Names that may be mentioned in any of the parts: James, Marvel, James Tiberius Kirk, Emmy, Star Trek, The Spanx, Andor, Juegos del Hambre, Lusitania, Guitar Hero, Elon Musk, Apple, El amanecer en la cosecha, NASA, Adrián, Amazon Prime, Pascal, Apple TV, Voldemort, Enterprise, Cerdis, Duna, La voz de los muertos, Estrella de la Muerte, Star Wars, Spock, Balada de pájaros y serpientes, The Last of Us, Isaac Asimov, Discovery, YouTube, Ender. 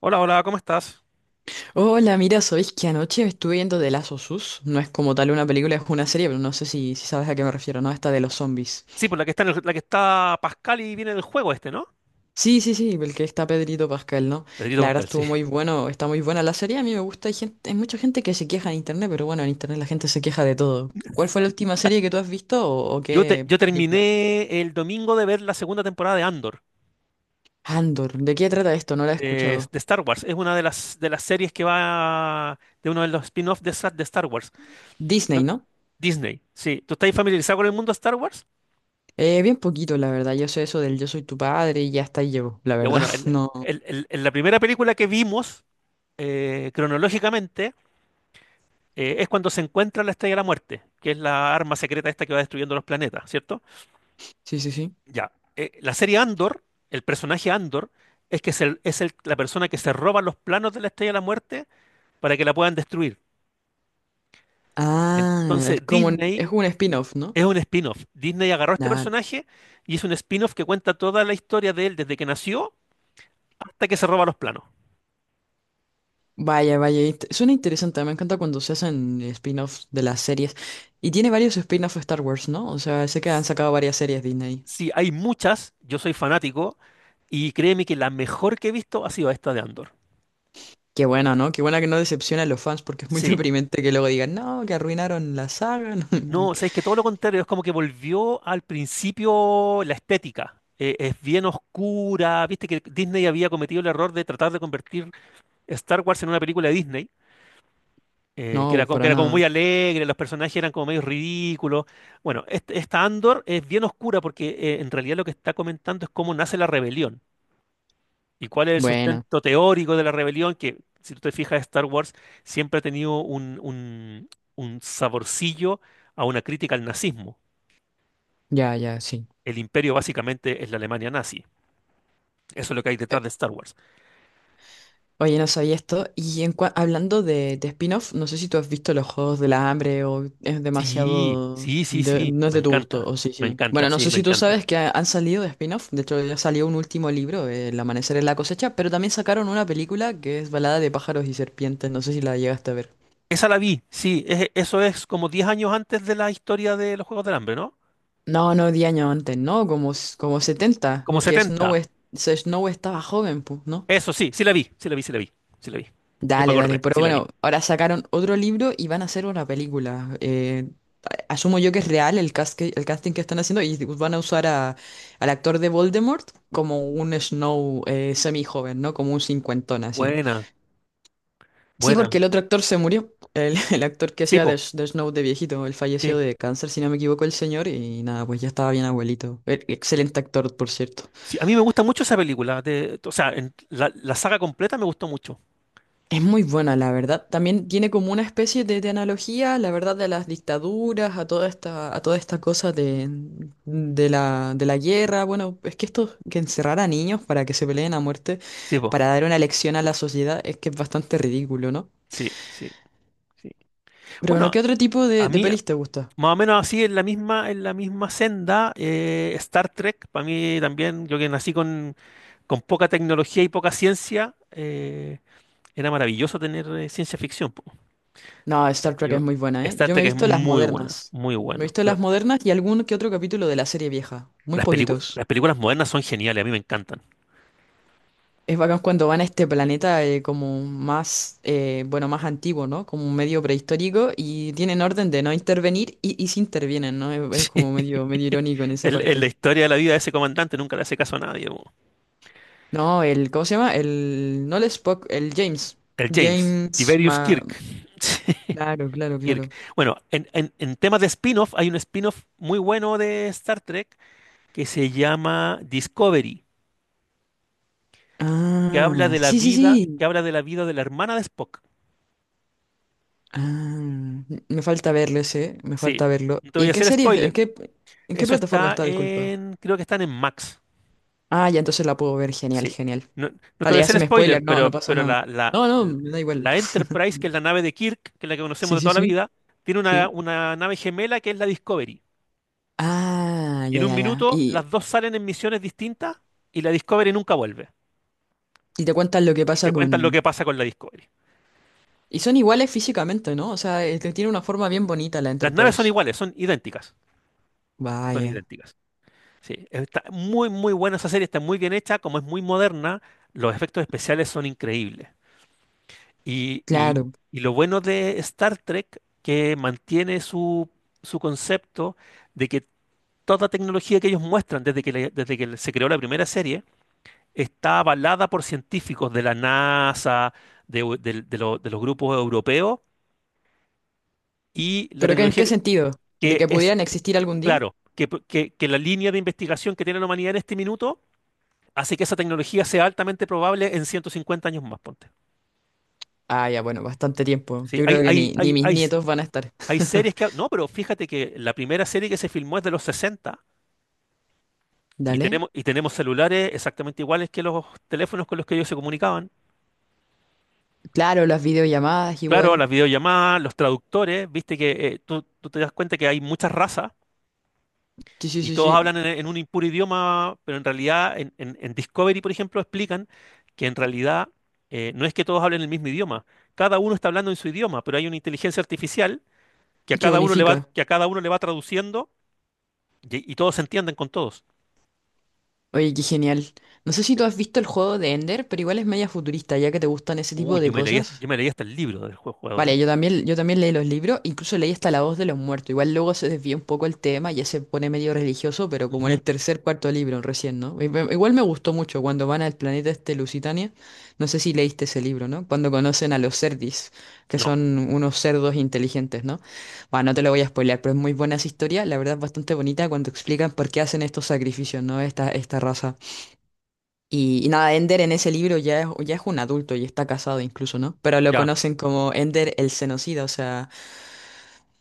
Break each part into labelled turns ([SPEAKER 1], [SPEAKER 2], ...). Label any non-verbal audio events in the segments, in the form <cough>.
[SPEAKER 1] Hola, hola, ¿cómo estás?
[SPEAKER 2] Hola, mira, ¿sabéis que anoche estuve viendo The Last of Us? No es como tal una película, es una serie, pero no sé si sabes a qué me refiero, ¿no? Esta de los zombies.
[SPEAKER 1] Sí, pues la que está la que está Pascal y viene en el juego este, ¿no?
[SPEAKER 2] Sí, sí, sí, el que está Pedrito Pascal, ¿no?
[SPEAKER 1] Pedrito
[SPEAKER 2] La verdad
[SPEAKER 1] Pascal, sí.
[SPEAKER 2] estuvo muy bueno, está muy buena la serie, a mí me gusta, hay mucha gente que se queja en internet, pero bueno, en internet la gente se queja de todo. ¿Cuál fue la última serie que tú has visto o
[SPEAKER 1] Yo, te-
[SPEAKER 2] qué
[SPEAKER 1] yo
[SPEAKER 2] película?
[SPEAKER 1] terminé el domingo de ver la segunda temporada de Andor,
[SPEAKER 2] Andor, ¿de qué trata esto? No la he
[SPEAKER 1] de,
[SPEAKER 2] escuchado.
[SPEAKER 1] de Star Wars. Es una de las series que va de uno de los spin-offs de Star Wars.
[SPEAKER 2] Disney,
[SPEAKER 1] ¿No?
[SPEAKER 2] ¿no?
[SPEAKER 1] Disney, sí. ¿Tú estás familiarizado con el mundo Star Wars?
[SPEAKER 2] Bien poquito, la verdad, yo sé eso del yo soy tu padre y ya hasta ahí llego, la
[SPEAKER 1] Ya
[SPEAKER 2] verdad,
[SPEAKER 1] bueno,
[SPEAKER 2] <laughs> no.
[SPEAKER 1] la primera película que vimos, cronológicamente, es cuando se encuentra la Estrella de la Muerte, que es la arma secreta esta que va destruyendo los planetas, ¿cierto?
[SPEAKER 2] Sí, sí, sí.
[SPEAKER 1] Ya. La serie Andor, el personaje Andor, es que es, la persona que se roba los planos de la Estrella de la Muerte para que la puedan destruir.
[SPEAKER 2] Ah, es
[SPEAKER 1] Entonces,
[SPEAKER 2] como, es
[SPEAKER 1] Disney
[SPEAKER 2] un spin-off, ¿no?
[SPEAKER 1] es un spin-off. Disney agarró a este
[SPEAKER 2] Ah,
[SPEAKER 1] personaje y es un spin-off que cuenta toda la historia de él desde que nació hasta que se roba los planos.
[SPEAKER 2] vaya, vaya, suena interesante, me encanta cuando se hacen spin-offs de las series. Y tiene varios spin-offs de Star Wars, ¿no? O sea, sé que han sacado varias series Disney.
[SPEAKER 1] Sí, hay muchas, yo soy fanático, y créeme que la mejor que he visto ha sido esta de Andor.
[SPEAKER 2] Qué bueno, ¿no? Qué buena que no decepciona a los fans porque es muy <laughs>
[SPEAKER 1] Sí.
[SPEAKER 2] deprimente que luego digan, no, que arruinaron la saga. <laughs>
[SPEAKER 1] No, o sea, es que todo lo contrario, es como que volvió al principio la estética. Es bien oscura, viste que Disney había cometido el error de tratar de convertir Star Wars en una película de Disney, que
[SPEAKER 2] No,
[SPEAKER 1] era como, que
[SPEAKER 2] para
[SPEAKER 1] era como
[SPEAKER 2] nada.
[SPEAKER 1] muy alegre, los personajes eran como medio ridículos. Bueno, esta Andor es bien oscura porque en realidad lo que está comentando es cómo nace la rebelión y cuál es el
[SPEAKER 2] Buena,
[SPEAKER 1] sustento teórico de la rebelión, que si tú te fijas, Star Wars siempre ha tenido un saborcillo a una crítica al nazismo.
[SPEAKER 2] ya, ya, sí.
[SPEAKER 1] El imperio básicamente es la Alemania nazi. Eso es lo que hay detrás de Star Wars.
[SPEAKER 2] Oye, no sabía esto. Y en hablando de spin-off, no sé si tú has visto los Juegos del Hambre o es
[SPEAKER 1] Sí,
[SPEAKER 2] demasiado,
[SPEAKER 1] sí, sí, sí,
[SPEAKER 2] no es de tu gusto, o sí,
[SPEAKER 1] me
[SPEAKER 2] sí.
[SPEAKER 1] encanta,
[SPEAKER 2] Bueno, no
[SPEAKER 1] sí,
[SPEAKER 2] sé
[SPEAKER 1] me
[SPEAKER 2] si tú
[SPEAKER 1] encanta.
[SPEAKER 2] sabes que han salido de spin-off. De hecho, ya salió un último libro, El amanecer en la cosecha, pero también sacaron una película que es Balada de pájaros y serpientes. No sé si la llegaste a ver.
[SPEAKER 1] Esa la vi, sí, eso es como 10 años antes de la historia de los Juegos del Hambre, ¿no?
[SPEAKER 2] No, no, 10 años antes, no, como 70
[SPEAKER 1] Como
[SPEAKER 2] porque Snow,
[SPEAKER 1] 70.
[SPEAKER 2] es- se- Snow estaba joven, pues, ¿no?
[SPEAKER 1] Eso sí, sí la vi, sí la vi, sí la vi, sí la vi. Ya me
[SPEAKER 2] Dale, dale.
[SPEAKER 1] acordé,
[SPEAKER 2] Pero
[SPEAKER 1] sí la vi.
[SPEAKER 2] bueno, ahora sacaron otro libro y van a hacer una película. Asumo yo que es real el, casting que están haciendo y van a usar al actor de Voldemort como un Snow semi-joven, ¿no? Como un cincuentón así.
[SPEAKER 1] Buena,
[SPEAKER 2] Sí,
[SPEAKER 1] buena.
[SPEAKER 2] porque el otro actor se murió. El, <laughs> el actor que
[SPEAKER 1] Sí,
[SPEAKER 2] hacía de,
[SPEAKER 1] po,
[SPEAKER 2] S- de Snow de viejito. Él falleció
[SPEAKER 1] sí.
[SPEAKER 2] de cáncer, si no me equivoco, el señor. Y nada, pues ya estaba bien abuelito. Excelente actor, por cierto.
[SPEAKER 1] Sí, a mí me gusta mucho esa película, de, o sea, la saga completa me gustó mucho.
[SPEAKER 2] Es muy buena, la verdad. También tiene como una especie de analogía, la verdad, de las dictaduras, a toda esta cosa de la guerra. Bueno, es que esto, que encerrar a niños para que se peleen a muerte,
[SPEAKER 1] Sí, po,
[SPEAKER 2] para dar una lección a la sociedad, es que es bastante ridículo, ¿no?
[SPEAKER 1] sí, sí, sí.
[SPEAKER 2] Pero bueno,
[SPEAKER 1] Bueno,
[SPEAKER 2] ¿qué otro tipo
[SPEAKER 1] a
[SPEAKER 2] de
[SPEAKER 1] mí,
[SPEAKER 2] pelis te gusta?
[SPEAKER 1] más o menos así, en la misma senda, Star Trek, para mí también, yo que nací con poca tecnología y poca ciencia, era maravilloso tener ciencia ficción, po.
[SPEAKER 2] No, Star Trek es
[SPEAKER 1] Yo,
[SPEAKER 2] muy buena, ¿eh?
[SPEAKER 1] Star
[SPEAKER 2] Yo me he
[SPEAKER 1] Trek es
[SPEAKER 2] visto las
[SPEAKER 1] muy buena,
[SPEAKER 2] modernas.
[SPEAKER 1] muy
[SPEAKER 2] Me he
[SPEAKER 1] buena.
[SPEAKER 2] visto las
[SPEAKER 1] La-
[SPEAKER 2] modernas y algún que otro capítulo de la serie vieja. Muy
[SPEAKER 1] las pelicu-
[SPEAKER 2] poquitos.
[SPEAKER 1] las películas modernas son geniales, a mí me encantan.
[SPEAKER 2] Es bacán cuando van a este planeta como más, bueno, más antiguo, ¿no? Como un medio prehistórico y tienen orden de no intervenir y sí intervienen, ¿no?
[SPEAKER 1] <laughs>
[SPEAKER 2] Es como
[SPEAKER 1] Sí,
[SPEAKER 2] medio irónico en esa
[SPEAKER 1] la
[SPEAKER 2] parte.
[SPEAKER 1] historia de la vida de ese comandante nunca le hace caso a nadie, po.
[SPEAKER 2] No, el, ¿cómo se llama? El, no el Spock, el James.
[SPEAKER 1] El James,
[SPEAKER 2] James
[SPEAKER 1] Tiberius
[SPEAKER 2] Ma...
[SPEAKER 1] Kirk.
[SPEAKER 2] Claro, claro,
[SPEAKER 1] <laughs> Kirk.
[SPEAKER 2] claro.
[SPEAKER 1] Bueno, en temas de spin-off, hay un spin-off muy bueno de Star Trek que se llama Discovery, que habla
[SPEAKER 2] Ah,
[SPEAKER 1] de la
[SPEAKER 2] sí, sí,
[SPEAKER 1] vida, que
[SPEAKER 2] sí.
[SPEAKER 1] habla de la vida de la hermana de Spock.
[SPEAKER 2] Ah, me falta verlo ese, me
[SPEAKER 1] Sí,
[SPEAKER 2] falta verlo.
[SPEAKER 1] no te
[SPEAKER 2] ¿Y
[SPEAKER 1] voy a
[SPEAKER 2] en qué
[SPEAKER 1] hacer
[SPEAKER 2] serie,
[SPEAKER 1] spoiler.
[SPEAKER 2] en qué
[SPEAKER 1] Eso
[SPEAKER 2] plataforma
[SPEAKER 1] está
[SPEAKER 2] está, disculpa?
[SPEAKER 1] en, creo que están en Max.
[SPEAKER 2] Ah, ya entonces la puedo ver. Genial,
[SPEAKER 1] Sí.
[SPEAKER 2] genial.
[SPEAKER 1] No, no te voy
[SPEAKER 2] Vale,
[SPEAKER 1] a
[SPEAKER 2] ya se
[SPEAKER 1] hacer
[SPEAKER 2] me
[SPEAKER 1] spoiler,
[SPEAKER 2] spoiler. No, no
[SPEAKER 1] pero,
[SPEAKER 2] pasa
[SPEAKER 1] pero
[SPEAKER 2] nada.
[SPEAKER 1] la, la,
[SPEAKER 2] No, no,
[SPEAKER 1] la-
[SPEAKER 2] me da igual.
[SPEAKER 1] la- Enterprise,
[SPEAKER 2] <laughs>
[SPEAKER 1] que es la nave de Kirk, que es la que conocemos
[SPEAKER 2] Sí,
[SPEAKER 1] de
[SPEAKER 2] sí,
[SPEAKER 1] toda la
[SPEAKER 2] sí.
[SPEAKER 1] vida, tiene una,
[SPEAKER 2] Sí.
[SPEAKER 1] una nave gemela que es la Discovery.
[SPEAKER 2] Ah,
[SPEAKER 1] Y
[SPEAKER 2] ya,
[SPEAKER 1] en un
[SPEAKER 2] ya, ya.
[SPEAKER 1] minuto
[SPEAKER 2] Y,
[SPEAKER 1] las dos salen en misiones distintas y la Discovery nunca vuelve.
[SPEAKER 2] y te cuentan lo que
[SPEAKER 1] Y te
[SPEAKER 2] pasa
[SPEAKER 1] cuentan lo que
[SPEAKER 2] con...
[SPEAKER 1] pasa con la Discovery.
[SPEAKER 2] Y son iguales físicamente, ¿no? O sea, tiene una forma bien bonita la
[SPEAKER 1] Las naves son
[SPEAKER 2] Enterprise.
[SPEAKER 1] iguales, son idénticas. Son
[SPEAKER 2] Vaya.
[SPEAKER 1] idénticas. Sí, está muy, muy buena esa serie, está muy bien hecha, como es muy moderna, los efectos especiales son increíbles. Y, y-
[SPEAKER 2] Claro.
[SPEAKER 1] y lo bueno de Star Trek, que mantiene su, su concepto, de que toda tecnología que ellos muestran desde que se creó la primera serie está avalada por científicos de la NASA, de, u- del- de lo- de los grupos europeos, y la
[SPEAKER 2] ¿Pero en
[SPEAKER 1] tecnología
[SPEAKER 2] qué sentido? ¿De
[SPEAKER 1] que
[SPEAKER 2] que
[SPEAKER 1] es,
[SPEAKER 2] pudieran existir algún día?
[SPEAKER 1] claro, que la línea de investigación que tiene la humanidad en este minuto. Así que esa tecnología sea altamente probable en 150 años más, ponte.
[SPEAKER 2] Ah, ya, bueno, bastante tiempo.
[SPEAKER 1] Sí,
[SPEAKER 2] Yo
[SPEAKER 1] hay,
[SPEAKER 2] creo que
[SPEAKER 1] hay,
[SPEAKER 2] ni
[SPEAKER 1] hay,
[SPEAKER 2] mis
[SPEAKER 1] hay,
[SPEAKER 2] nietos van a estar.
[SPEAKER 1] hay series que. No, pero fíjate que la primera serie que se filmó es de los 60,
[SPEAKER 2] <laughs> Dale.
[SPEAKER 1] y tenemos celulares exactamente iguales que los teléfonos con los que ellos se comunicaban.
[SPEAKER 2] Claro, las videollamadas
[SPEAKER 1] Claro,
[SPEAKER 2] igual.
[SPEAKER 1] las videollamadas, los traductores, viste que, tú te das cuenta que hay muchas razas
[SPEAKER 2] Sí, sí,
[SPEAKER 1] y
[SPEAKER 2] sí,
[SPEAKER 1] todos
[SPEAKER 2] sí.
[SPEAKER 1] hablan en un impuro idioma, pero en realidad en, en Discovery, por ejemplo, explican que en realidad, no es que todos hablen el mismo idioma, cada uno está hablando en su idioma, pero hay una inteligencia artificial que a
[SPEAKER 2] Que
[SPEAKER 1] cada uno le va,
[SPEAKER 2] unifica.
[SPEAKER 1] que a cada uno le va traduciendo, y todos se entienden con todos.
[SPEAKER 2] Oye, qué genial. No sé si tú has visto el juego de Ender, pero igual es media futurista, ya que te gustan ese tipo
[SPEAKER 1] Uy, yo
[SPEAKER 2] de
[SPEAKER 1] me leí,
[SPEAKER 2] cosas.
[SPEAKER 1] yo me leí hasta el libro del juego, juego de.
[SPEAKER 2] Vale, yo también leí los libros, incluso leí hasta La voz de los muertos. Igual luego se desvía un poco el tema, ya se pone medio religioso, pero como en
[SPEAKER 1] Ujú.
[SPEAKER 2] el tercer, cuarto libro recién, ¿no? Igual me gustó mucho cuando van al planeta este Lusitania. No sé si leíste ese libro, ¿no? Cuando conocen a los Cerdis, que
[SPEAKER 1] No,
[SPEAKER 2] son unos cerdos inteligentes, ¿no? Bueno, no te lo voy a spoilear, pero es muy buena esa historia, la verdad es bastante bonita cuando explican por qué hacen estos sacrificios, ¿no? Esta raza. Y nada, Ender en ese libro ya es un adulto y está casado incluso, ¿no? Pero lo
[SPEAKER 1] ya.
[SPEAKER 2] conocen como Ender el genocida, o sea,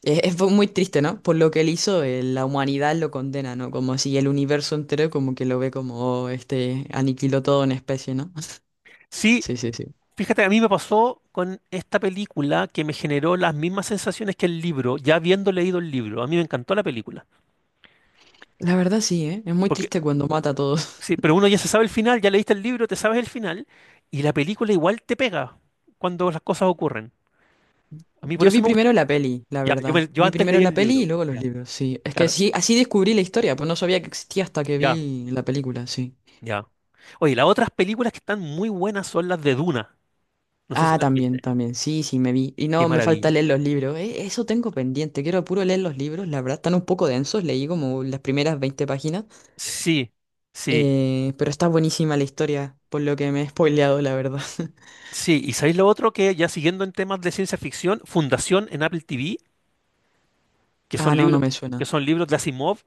[SPEAKER 2] es muy triste, ¿no? Por lo que él hizo, la humanidad lo condena, ¿no? Como si el universo entero como que lo ve como, "Oh, este, aniquiló todo una especie, ¿no? <laughs>
[SPEAKER 1] Sí,
[SPEAKER 2] Sí, sí, sí.
[SPEAKER 1] fíjate, a mí me pasó con esta película que me generó las mismas sensaciones que el libro, ya habiendo leído el libro. A mí me encantó la película.
[SPEAKER 2] La verdad sí, ¿eh? Es muy
[SPEAKER 1] Porque,
[SPEAKER 2] triste cuando mata a todos.
[SPEAKER 1] sí, pero uno ya se sabe el final, ya leíste el libro, te sabes el final, y la película igual te pega cuando las cosas ocurren. A
[SPEAKER 2] <laughs>
[SPEAKER 1] mí por
[SPEAKER 2] Yo
[SPEAKER 1] eso
[SPEAKER 2] vi
[SPEAKER 1] me gusta.
[SPEAKER 2] primero la peli, la
[SPEAKER 1] Ya, yo,
[SPEAKER 2] verdad.
[SPEAKER 1] yo
[SPEAKER 2] Vi
[SPEAKER 1] antes
[SPEAKER 2] primero
[SPEAKER 1] leí
[SPEAKER 2] la
[SPEAKER 1] el
[SPEAKER 2] peli y
[SPEAKER 1] libro.
[SPEAKER 2] luego los
[SPEAKER 1] Ya,
[SPEAKER 2] libros, sí. Es que
[SPEAKER 1] claro.
[SPEAKER 2] sí, así descubrí la historia, pues no sabía que existía hasta que
[SPEAKER 1] Ya.
[SPEAKER 2] vi la película, sí.
[SPEAKER 1] Ya. Oye, las otras películas que están muy buenas son las de Duna. No sé si
[SPEAKER 2] Ah,
[SPEAKER 1] las
[SPEAKER 2] también,
[SPEAKER 1] viste.
[SPEAKER 2] también. Sí, sí, me vi. Y
[SPEAKER 1] Qué
[SPEAKER 2] no, me falta
[SPEAKER 1] maravilla.
[SPEAKER 2] leer los libros. Eso tengo pendiente. Quiero puro leer los libros. La verdad, están un poco densos. Leí como las primeras 20 páginas.
[SPEAKER 1] Sí, sí,
[SPEAKER 2] Pero está buenísima la historia, por lo que me he spoileado, la verdad. <laughs>
[SPEAKER 1] sí. ¿Y sabéis lo otro, que ya, siguiendo en temas de ciencia ficción, Fundación en Apple TV, que son
[SPEAKER 2] Ah, no, no
[SPEAKER 1] libros,
[SPEAKER 2] me
[SPEAKER 1] que
[SPEAKER 2] suena.
[SPEAKER 1] son libros de Asimov?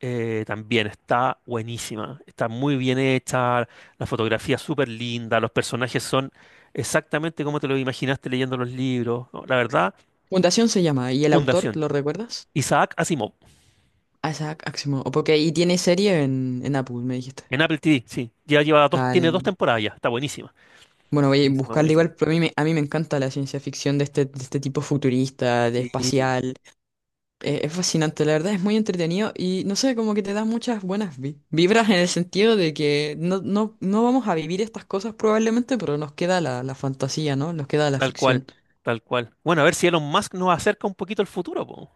[SPEAKER 1] También está buenísima. Está muy bien hecha, la fotografía es súper linda, los personajes son exactamente como te lo imaginaste leyendo los libros. No, la verdad,
[SPEAKER 2] Fundación se llama. ¿Y el autor,
[SPEAKER 1] Fundación.
[SPEAKER 2] lo recuerdas?
[SPEAKER 1] Isaac Asimov,
[SPEAKER 2] Ah, Isaac Asimov. O porque y tiene serie en, Apple, me dijiste.
[SPEAKER 1] en Apple TV, sí. Ya lleva dos, tiene dos
[SPEAKER 2] Dale.
[SPEAKER 1] temporadas ya, está buenísima.
[SPEAKER 2] Bueno, voy a
[SPEAKER 1] Buenísimo,
[SPEAKER 2] buscarla
[SPEAKER 1] buenísimo.
[SPEAKER 2] igual, pero a mí me encanta la ciencia ficción de este tipo futurista, de
[SPEAKER 1] Sí.
[SPEAKER 2] espacial. Es fascinante, la verdad es muy entretenido y no sé, como que te da muchas buenas vibras en el sentido de que no vamos a vivir estas cosas probablemente, pero nos queda la fantasía, ¿no? Nos queda la
[SPEAKER 1] Tal cual,
[SPEAKER 2] ficción.
[SPEAKER 1] tal cual. Bueno, a ver si Elon Musk nos acerca un poquito al futuro, po.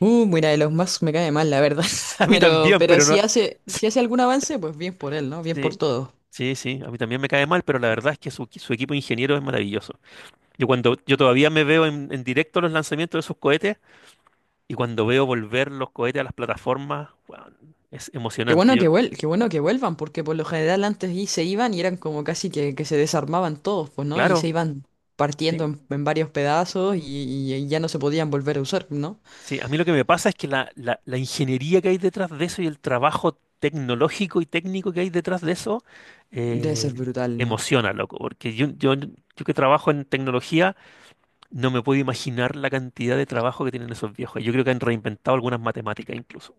[SPEAKER 2] Mira, Elon Musk me cae mal, la verdad.
[SPEAKER 1] <laughs> A
[SPEAKER 2] <laughs>
[SPEAKER 1] mí
[SPEAKER 2] Pero,
[SPEAKER 1] también,
[SPEAKER 2] pero
[SPEAKER 1] pero no.
[SPEAKER 2] si hace algún avance, pues bien por él, ¿no? Bien por
[SPEAKER 1] Sí,
[SPEAKER 2] todos.
[SPEAKER 1] sí, sí. A mí también me cae mal, pero la verdad es que su equipo de ingenieros es maravilloso. Yo, cuando yo todavía me veo en directo los lanzamientos de sus cohetes y cuando veo volver los cohetes a las plataformas, weón, es emocionante. Yo,
[SPEAKER 2] Qué bueno que vuelvan, porque por lo general antes y se iban y eran como casi que se desarmaban todos, pues, ¿no? Y se
[SPEAKER 1] claro.
[SPEAKER 2] iban partiendo
[SPEAKER 1] Sí.
[SPEAKER 2] en varios pedazos y ya no se podían volver a usar, ¿no?
[SPEAKER 1] Sí, a mí lo que me pasa es que la ingeniería que hay detrás de eso, y el trabajo tecnológico y técnico que hay detrás de eso,
[SPEAKER 2] Debe ser
[SPEAKER 1] eh,
[SPEAKER 2] brutal, ¿no?
[SPEAKER 1] emociona, loco, porque yo que trabajo en tecnología no me puedo imaginar la cantidad de trabajo que tienen esos viejos. Yo creo que han reinventado algunas matemáticas incluso.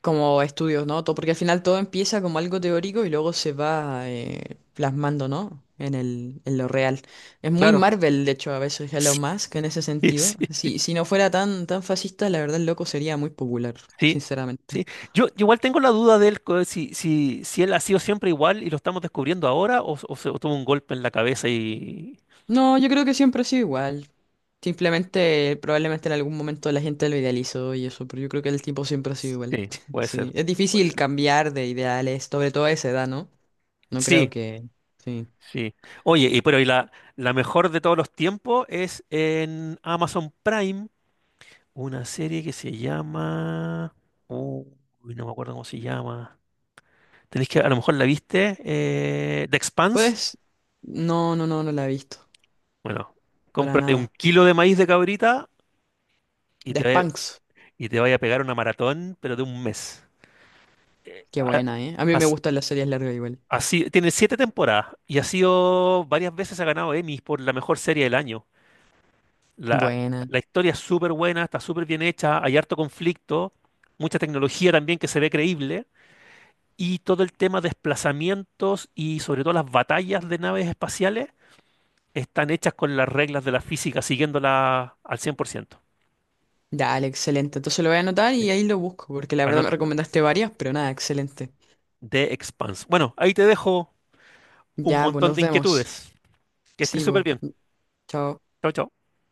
[SPEAKER 2] Como estudios, ¿no? Todo, porque al final todo empieza como algo teórico y luego se va plasmando, ¿no? En lo real. Es muy
[SPEAKER 1] Claro.
[SPEAKER 2] Marvel, de hecho, a veces
[SPEAKER 1] <laughs>
[SPEAKER 2] Elon Musk en ese
[SPEAKER 1] Sí,
[SPEAKER 2] sentido.
[SPEAKER 1] sí,
[SPEAKER 2] Si no fuera tan, tan fascista, la verdad el loco sería muy popular,
[SPEAKER 1] sí.
[SPEAKER 2] sinceramente.
[SPEAKER 1] Yo igual tengo la duda de él, si él ha sido siempre igual y lo estamos descubriendo ahora, o se o tuvo un golpe en la cabeza y.
[SPEAKER 2] No, yo creo que siempre ha sido igual. Simplemente, probablemente en algún momento la gente lo idealizó y eso, pero yo creo que el tiempo siempre ha sido igual.
[SPEAKER 1] Sí,
[SPEAKER 2] <laughs>
[SPEAKER 1] puede ser,
[SPEAKER 2] Sí, es
[SPEAKER 1] puede
[SPEAKER 2] difícil
[SPEAKER 1] ser.
[SPEAKER 2] cambiar de ideales, sobre todo a esa edad, ¿no? No creo
[SPEAKER 1] Sí.
[SPEAKER 2] que... Sí.
[SPEAKER 1] Sí. Oye, la mejor de todos los tiempos es en Amazon Prime, una serie que se llama. Uy, no me acuerdo cómo se llama. Tenéis que, a lo mejor la viste, The Expanse.
[SPEAKER 2] Pues, no, no, no, no la he visto.
[SPEAKER 1] Bueno,
[SPEAKER 2] Para
[SPEAKER 1] cómprate un
[SPEAKER 2] nada.
[SPEAKER 1] kilo de maíz de cabrita y
[SPEAKER 2] The
[SPEAKER 1] te, vaya-
[SPEAKER 2] Spanx.
[SPEAKER 1] y te vaya a pegar una maratón, pero de un mes.
[SPEAKER 2] Qué
[SPEAKER 1] Ah,
[SPEAKER 2] buena, ¿eh? A mí me
[SPEAKER 1] as-
[SPEAKER 2] gustan las series largas igual.
[SPEAKER 1] Así, tiene siete temporadas y ha sido varias veces ha ganado Emmys por la mejor serie del año. La,
[SPEAKER 2] Buena.
[SPEAKER 1] la historia es súper buena, está súper bien hecha, hay harto conflicto, mucha tecnología también que se ve creíble, y todo el tema de desplazamientos y sobre todo las batallas de naves espaciales están hechas con las reglas de la física, siguiéndola al 100%.
[SPEAKER 2] Dale, excelente. Entonces lo voy a anotar y
[SPEAKER 1] Sí.
[SPEAKER 2] ahí lo busco, porque la verdad me
[SPEAKER 1] Anota.
[SPEAKER 2] recomendaste varias, pero nada, excelente.
[SPEAKER 1] The Expanse. Bueno, ahí te dejo un
[SPEAKER 2] Ya, pues
[SPEAKER 1] montón
[SPEAKER 2] nos
[SPEAKER 1] de
[SPEAKER 2] vemos.
[SPEAKER 1] inquietudes. Que estés
[SPEAKER 2] Sí,
[SPEAKER 1] súper bien.
[SPEAKER 2] pues. Chao.
[SPEAKER 1] Chao, chao.